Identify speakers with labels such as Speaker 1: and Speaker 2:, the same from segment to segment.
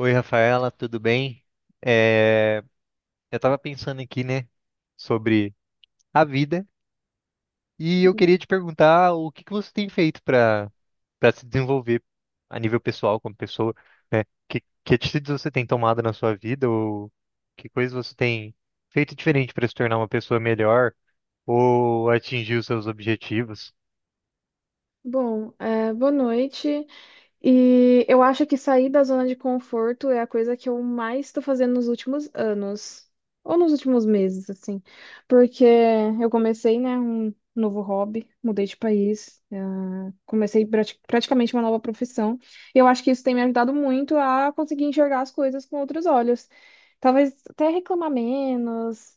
Speaker 1: Oi, Rafaela, tudo bem? É, eu estava pensando aqui, né, sobre a vida e eu queria te perguntar o que que você tem feito para se desenvolver a nível pessoal como pessoa, né? Que atitudes você tem tomado na sua vida ou que coisas você tem feito diferente para se tornar uma pessoa melhor ou atingir os seus objetivos?
Speaker 2: Bom, boa noite. E eu acho que sair da zona de conforto é a coisa que eu mais estou fazendo nos últimos anos, ou nos últimos meses, assim, porque eu comecei, né, um novo hobby, mudei de país, praticamente uma nova profissão. E eu acho que isso tem me ajudado muito a conseguir enxergar as coisas com outros olhos. Talvez até reclamar menos.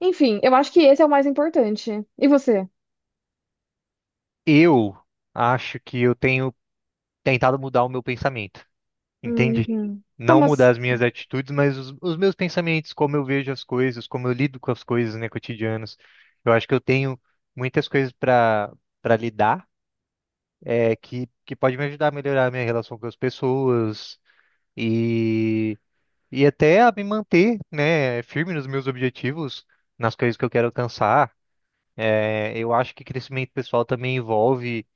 Speaker 2: Enfim, eu acho que esse é o mais importante. E você?
Speaker 1: Eu acho que eu tenho tentado mudar o meu pensamento. Entende? Não
Speaker 2: Como
Speaker 1: mudar
Speaker 2: assim?
Speaker 1: as minhas atitudes, mas os meus pensamentos, como eu vejo as coisas, como eu lido com as coisas, né, cotidianas. Eu acho que eu tenho muitas coisas para lidar, é, que pode me ajudar a melhorar a minha relação com as pessoas e, e até a me manter, né, firme nos meus objetivos, nas coisas que eu quero alcançar. É, eu acho que crescimento pessoal também envolve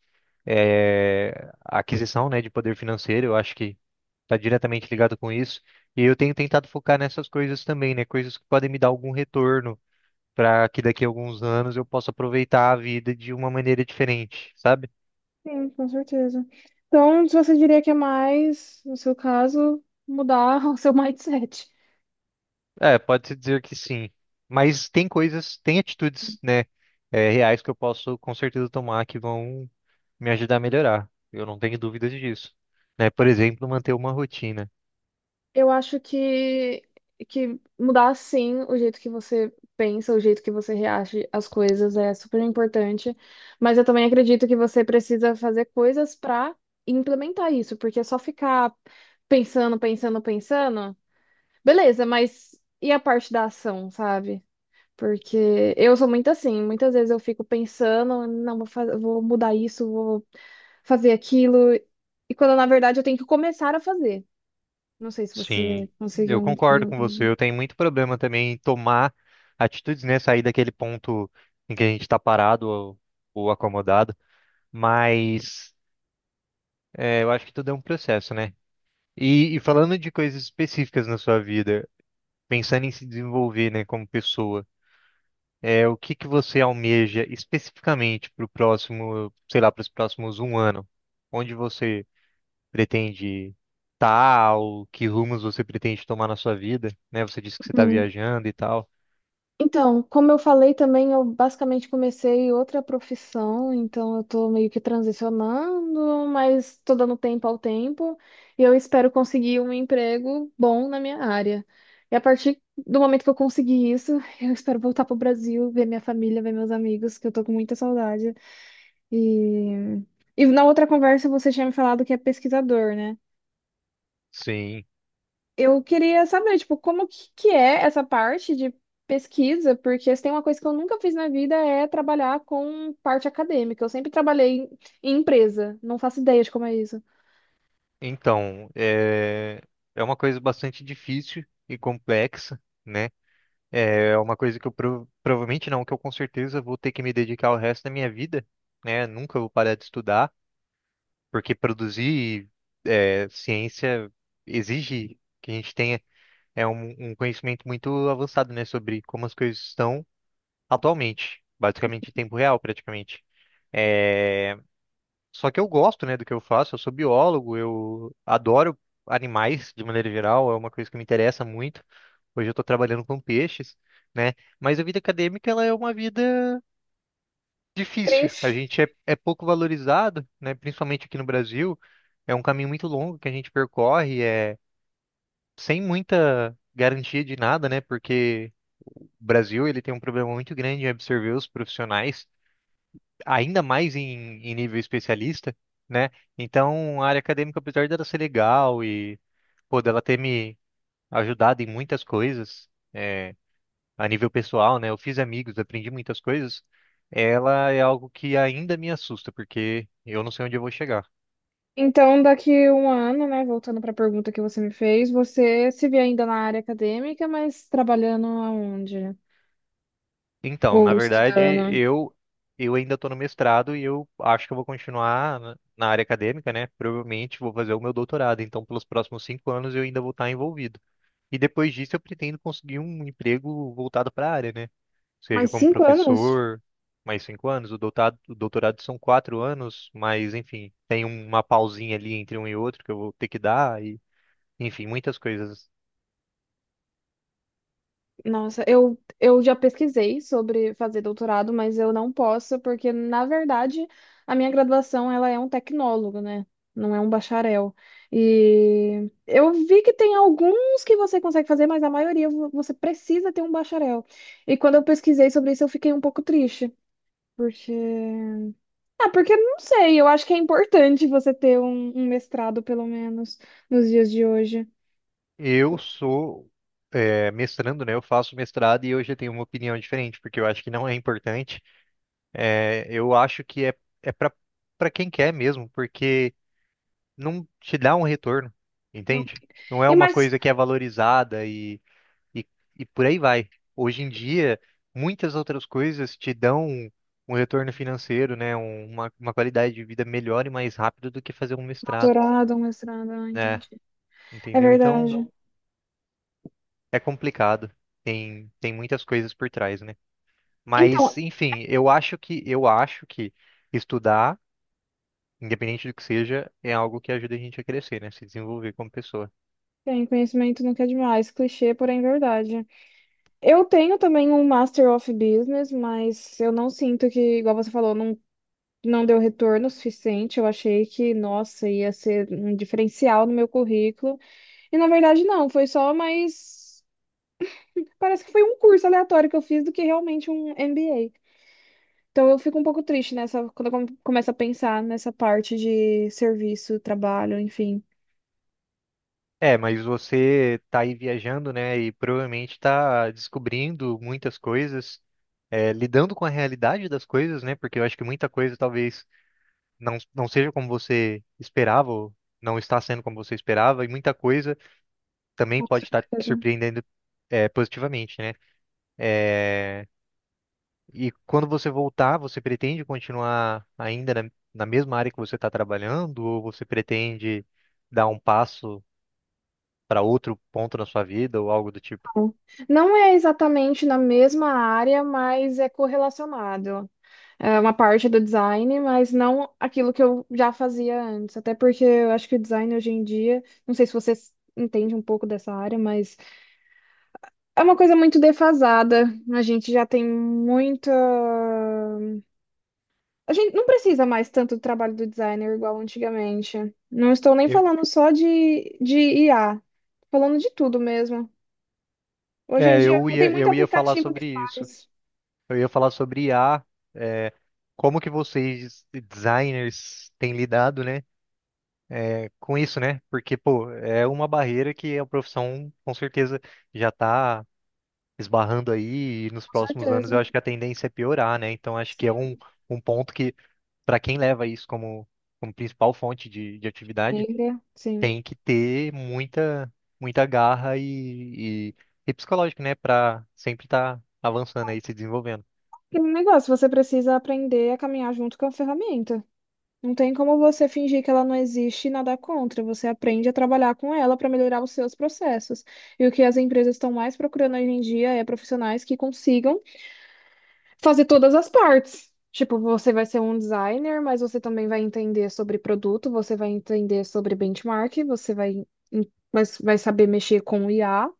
Speaker 1: a aquisição, né, de poder financeiro. Eu acho que está diretamente ligado com isso. E eu tenho tentado focar nessas coisas também, né? Coisas que podem me dar algum retorno para que daqui a alguns anos eu possa aproveitar a vida de uma maneira diferente, sabe?
Speaker 2: Sim, com certeza. Então, você diria que é mais, no seu caso, mudar o seu mindset.
Speaker 1: É, pode-se dizer que sim. Mas tem coisas, tem atitudes, né, reais que eu posso com certeza tomar que vão me ajudar a melhorar. Eu não tenho dúvidas disso. Né? Por exemplo, manter uma rotina.
Speaker 2: Eu acho que mudar, sim, o jeito que você pensa, o jeito que você reage às coisas é super importante. Mas eu também acredito que você precisa fazer coisas para implementar isso, porque é só ficar pensando, pensando, pensando, beleza, mas e a parte da ação, sabe? Porque eu sou muito assim, muitas vezes eu fico pensando, não, vou mudar isso, vou fazer aquilo, e quando na verdade eu tenho que começar a fazer. Não sei se você
Speaker 1: Sim, eu
Speaker 2: conseguiu
Speaker 1: concordo com você. Eu tenho muito problema também em tomar atitudes, né? Sair daquele ponto em que a gente está parado ou acomodado. Mas eu acho que tudo é um processo, né? E falando de coisas específicas na sua vida, pensando em se desenvolver, né, como pessoa, o que que você almeja especificamente para o próximo, sei lá, para os próximos um ano? Onde você pretende tal que rumos você pretende tomar na sua vida, né? Você disse que você está
Speaker 2: entender.
Speaker 1: viajando e tal.
Speaker 2: Então, como eu falei também, eu basicamente comecei outra profissão, então eu tô meio que transicionando, mas tô dando tempo ao tempo e eu espero conseguir um emprego bom na minha área. E a partir do momento que eu conseguir isso, eu espero voltar pro Brasil, ver minha família, ver meus amigos, que eu tô com muita saudade. E, e na outra conversa você tinha me falado que é pesquisador, né?
Speaker 1: Sim.
Speaker 2: Eu queria saber, tipo, que é essa parte de pesquisa, porque se tem uma coisa que eu nunca fiz na vida é trabalhar com parte acadêmica. Eu sempre trabalhei em empresa, não faço ideia de como é isso.
Speaker 1: Então, é uma coisa bastante difícil e complexa, né? É uma coisa que eu provavelmente não, que eu com certeza vou ter que me dedicar o resto da minha vida, né? Nunca vou parar de estudar, porque produzir ciência exige que a gente tenha um conhecimento muito avançado, né? Sobre como as coisas estão atualmente, basicamente em tempo real, praticamente. É, Só que eu gosto, né, do que eu faço, eu sou biólogo, eu adoro animais de maneira geral, é uma coisa que me interessa muito. Hoje eu estou trabalhando com peixes, né? Mas a vida acadêmica ela é uma vida difícil. A
Speaker 2: Cris,
Speaker 1: gente é pouco valorizado, né? Principalmente aqui no Brasil, é um caminho muito longo que a gente percorre, é sem muita garantia de nada, né? Porque o Brasil ele tem um problema muito grande em absorver os profissionais ainda mais em, nível especialista, né? Então, a área acadêmica, apesar dela ser legal e, pô, dela ter me ajudado em muitas coisas, é, a nível pessoal, né? Eu fiz amigos, aprendi muitas coisas. Ela é algo que ainda me assusta, porque eu não sei onde eu vou chegar.
Speaker 2: então daqui um ano, né, voltando para a pergunta que você me fez, você se vê ainda na área acadêmica, mas trabalhando aonde?
Speaker 1: Então, na
Speaker 2: Ou
Speaker 1: verdade,
Speaker 2: estudando?
Speaker 1: eu ainda estou no mestrado e eu acho que eu vou continuar na área acadêmica, né? Provavelmente vou fazer o meu doutorado. Então, pelos próximos 5 anos, eu ainda vou estar envolvido. E depois disso eu pretendo conseguir um emprego voltado para a área, né?
Speaker 2: Mais
Speaker 1: Seja como
Speaker 2: cinco anos?
Speaker 1: professor, mais 5 anos, o doutorado são 4 anos, mas enfim, tem uma pausinha ali entre um e outro que eu vou ter que dar, e enfim, muitas coisas.
Speaker 2: Nossa, eu já pesquisei sobre fazer doutorado, mas eu não posso, porque, na verdade, a minha graduação ela é um tecnólogo, né? Não é um bacharel. E eu vi que tem alguns que você consegue fazer, mas a maioria você precisa ter um bacharel. E quando eu pesquisei sobre isso, eu fiquei um pouco triste, porque... Ah, porque eu não sei, eu acho que é importante você ter um mestrado, pelo menos, nos dias de hoje.
Speaker 1: Eu sou mestrando, né? Eu faço mestrado e eu já tenho uma opinião diferente, porque eu acho que não é importante. É, eu acho que é para quem quer mesmo, porque não te dá um retorno,
Speaker 2: Não.
Speaker 1: entende? Não é
Speaker 2: E
Speaker 1: uma
Speaker 2: mais
Speaker 1: coisa que é valorizada e, e por aí vai. Hoje em dia, muitas outras coisas te dão um retorno financeiro, né? Uma qualidade de vida melhor e mais rápido do que fazer um mestrado,
Speaker 2: doutorado, um mestrado, ah,
Speaker 1: né?
Speaker 2: entendi. É
Speaker 1: Entendeu? Então,
Speaker 2: verdade.
Speaker 1: é complicado. Tem muitas coisas por trás, né? Mas,
Speaker 2: Então,
Speaker 1: enfim, eu acho que estudar, independente do que seja, é algo que ajuda a gente a crescer, né? Se desenvolver como pessoa.
Speaker 2: tem conhecimento nunca é demais, clichê, porém verdade. Eu tenho também um Master of Business, mas eu não sinto que, igual você falou, não, não deu retorno suficiente. Eu achei que, nossa, ia ser um diferencial no meu currículo. E na verdade, não, foi só mais. Parece que foi um curso aleatório que eu fiz do que realmente um MBA. Então eu fico um pouco triste nessa, quando eu começo a pensar nessa parte de serviço, trabalho, enfim.
Speaker 1: É, mas você tá aí viajando, né? E provavelmente tá descobrindo muitas coisas, lidando com a realidade das coisas, né? Porque eu acho que muita coisa talvez não seja como você esperava, ou não está sendo como você esperava, e muita coisa também
Speaker 2: Com
Speaker 1: pode estar te
Speaker 2: certeza.
Speaker 1: surpreendendo, positivamente, né? É, e quando você voltar, você pretende continuar ainda na, mesma área que você está trabalhando, ou você pretende dar um passo para outro ponto na sua vida, ou algo do tipo?
Speaker 2: Não é exatamente na mesma área, mas é correlacionado. É uma parte do design, mas não aquilo que eu já fazia antes. Até porque eu acho que o design hoje em dia, não sei se você entende um pouco dessa área, mas é uma coisa muito defasada. A gente já tem muita. A gente não precisa mais tanto do trabalho do designer igual antigamente. Não estou nem
Speaker 1: Eu-
Speaker 2: falando só de IA, falando de tudo mesmo. Hoje em
Speaker 1: é,
Speaker 2: dia
Speaker 1: eu
Speaker 2: tem
Speaker 1: ia,
Speaker 2: muito
Speaker 1: eu ia falar
Speaker 2: aplicativo que
Speaker 1: sobre isso.
Speaker 2: faz.
Speaker 1: Eu ia falar sobre I a é, como que vocês, designers, têm lidado, né, com isso, né? Porque, pô, é uma barreira que a profissão, com certeza, já está esbarrando aí e nos próximos anos
Speaker 2: Certeza.
Speaker 1: eu acho que a tendência é piorar, né? Então, acho que é um ponto que, para quem leva isso como principal fonte de atividade,
Speaker 2: Trilha, sim.
Speaker 1: tem que ter muita, muita garra e psicológico, né? Pra sempre estar avançando aí, se desenvolvendo.
Speaker 2: Aquele negócio, você precisa aprender a caminhar junto com a ferramenta. Não tem como você fingir que ela não existe e nadar contra. Você aprende a trabalhar com ela para melhorar os seus processos. E o que as empresas estão mais procurando hoje em dia é profissionais que consigam fazer todas as partes. Tipo, você vai ser um designer, mas você também vai entender sobre produto, você vai entender sobre benchmark, você vai, mas vai saber mexer com o IA,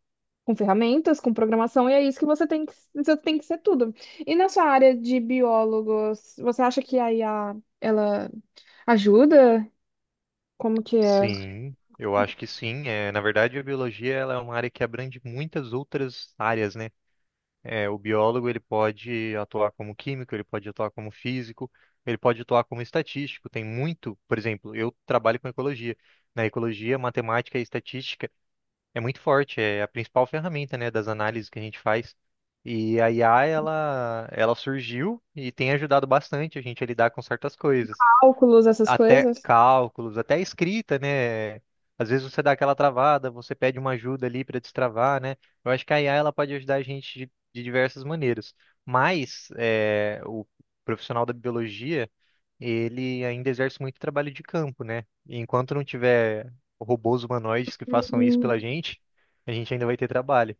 Speaker 2: com ferramentas, com programação, e é isso que você tem que, você tem que ser tudo. E na sua área de biólogos, você acha que a IA, ela ajuda? Como que é?
Speaker 1: Sim, eu acho que sim. É, na verdade, a biologia ela é uma área que abrange muitas outras áreas, né? É, o biólogo ele pode atuar como químico, ele pode atuar como físico, ele pode atuar como estatístico. Tem muito, por exemplo, eu trabalho com ecologia. Na ecologia, matemática e estatística é muito forte, é a principal ferramenta, né, das análises que a gente faz. E a IA, ela surgiu e tem ajudado bastante a gente a lidar com certas coisas.
Speaker 2: Cálculos, essas
Speaker 1: Até
Speaker 2: coisas?
Speaker 1: cálculos, até escrita, né? Às vezes você dá aquela travada, você pede uma ajuda ali para destravar, né? Eu acho que a IA, ela pode ajudar a gente de, diversas maneiras. Mas o profissional da biologia ele ainda exerce muito trabalho de campo, né? E enquanto não tiver robôs humanoides que façam isso
Speaker 2: Hum,
Speaker 1: pela gente, a gente ainda vai ter trabalho.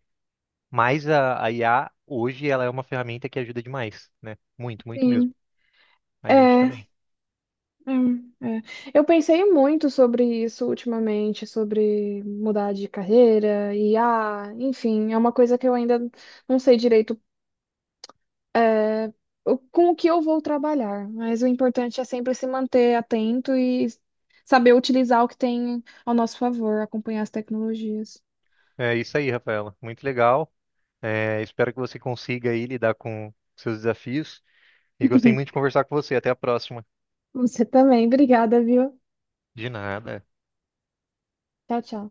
Speaker 1: Mas a IA, hoje, ela é uma ferramenta que ajuda demais, né? Muito, muito mesmo.
Speaker 2: Sim.
Speaker 1: A gente
Speaker 2: É,
Speaker 1: também.
Speaker 2: hum, é. Eu pensei muito sobre isso ultimamente, sobre mudar de carreira, IA, enfim, é uma coisa que eu ainda não sei direito com o que eu vou trabalhar, mas o importante é sempre se manter atento e saber utilizar o que tem ao nosso favor, acompanhar as tecnologias.
Speaker 1: É isso aí, Rafaela. Muito legal. É, espero que você consiga aí lidar com seus desafios. E gostei muito de conversar com você. Até a próxima.
Speaker 2: Você também, obrigada, viu?
Speaker 1: De nada.
Speaker 2: Tchau, tchau.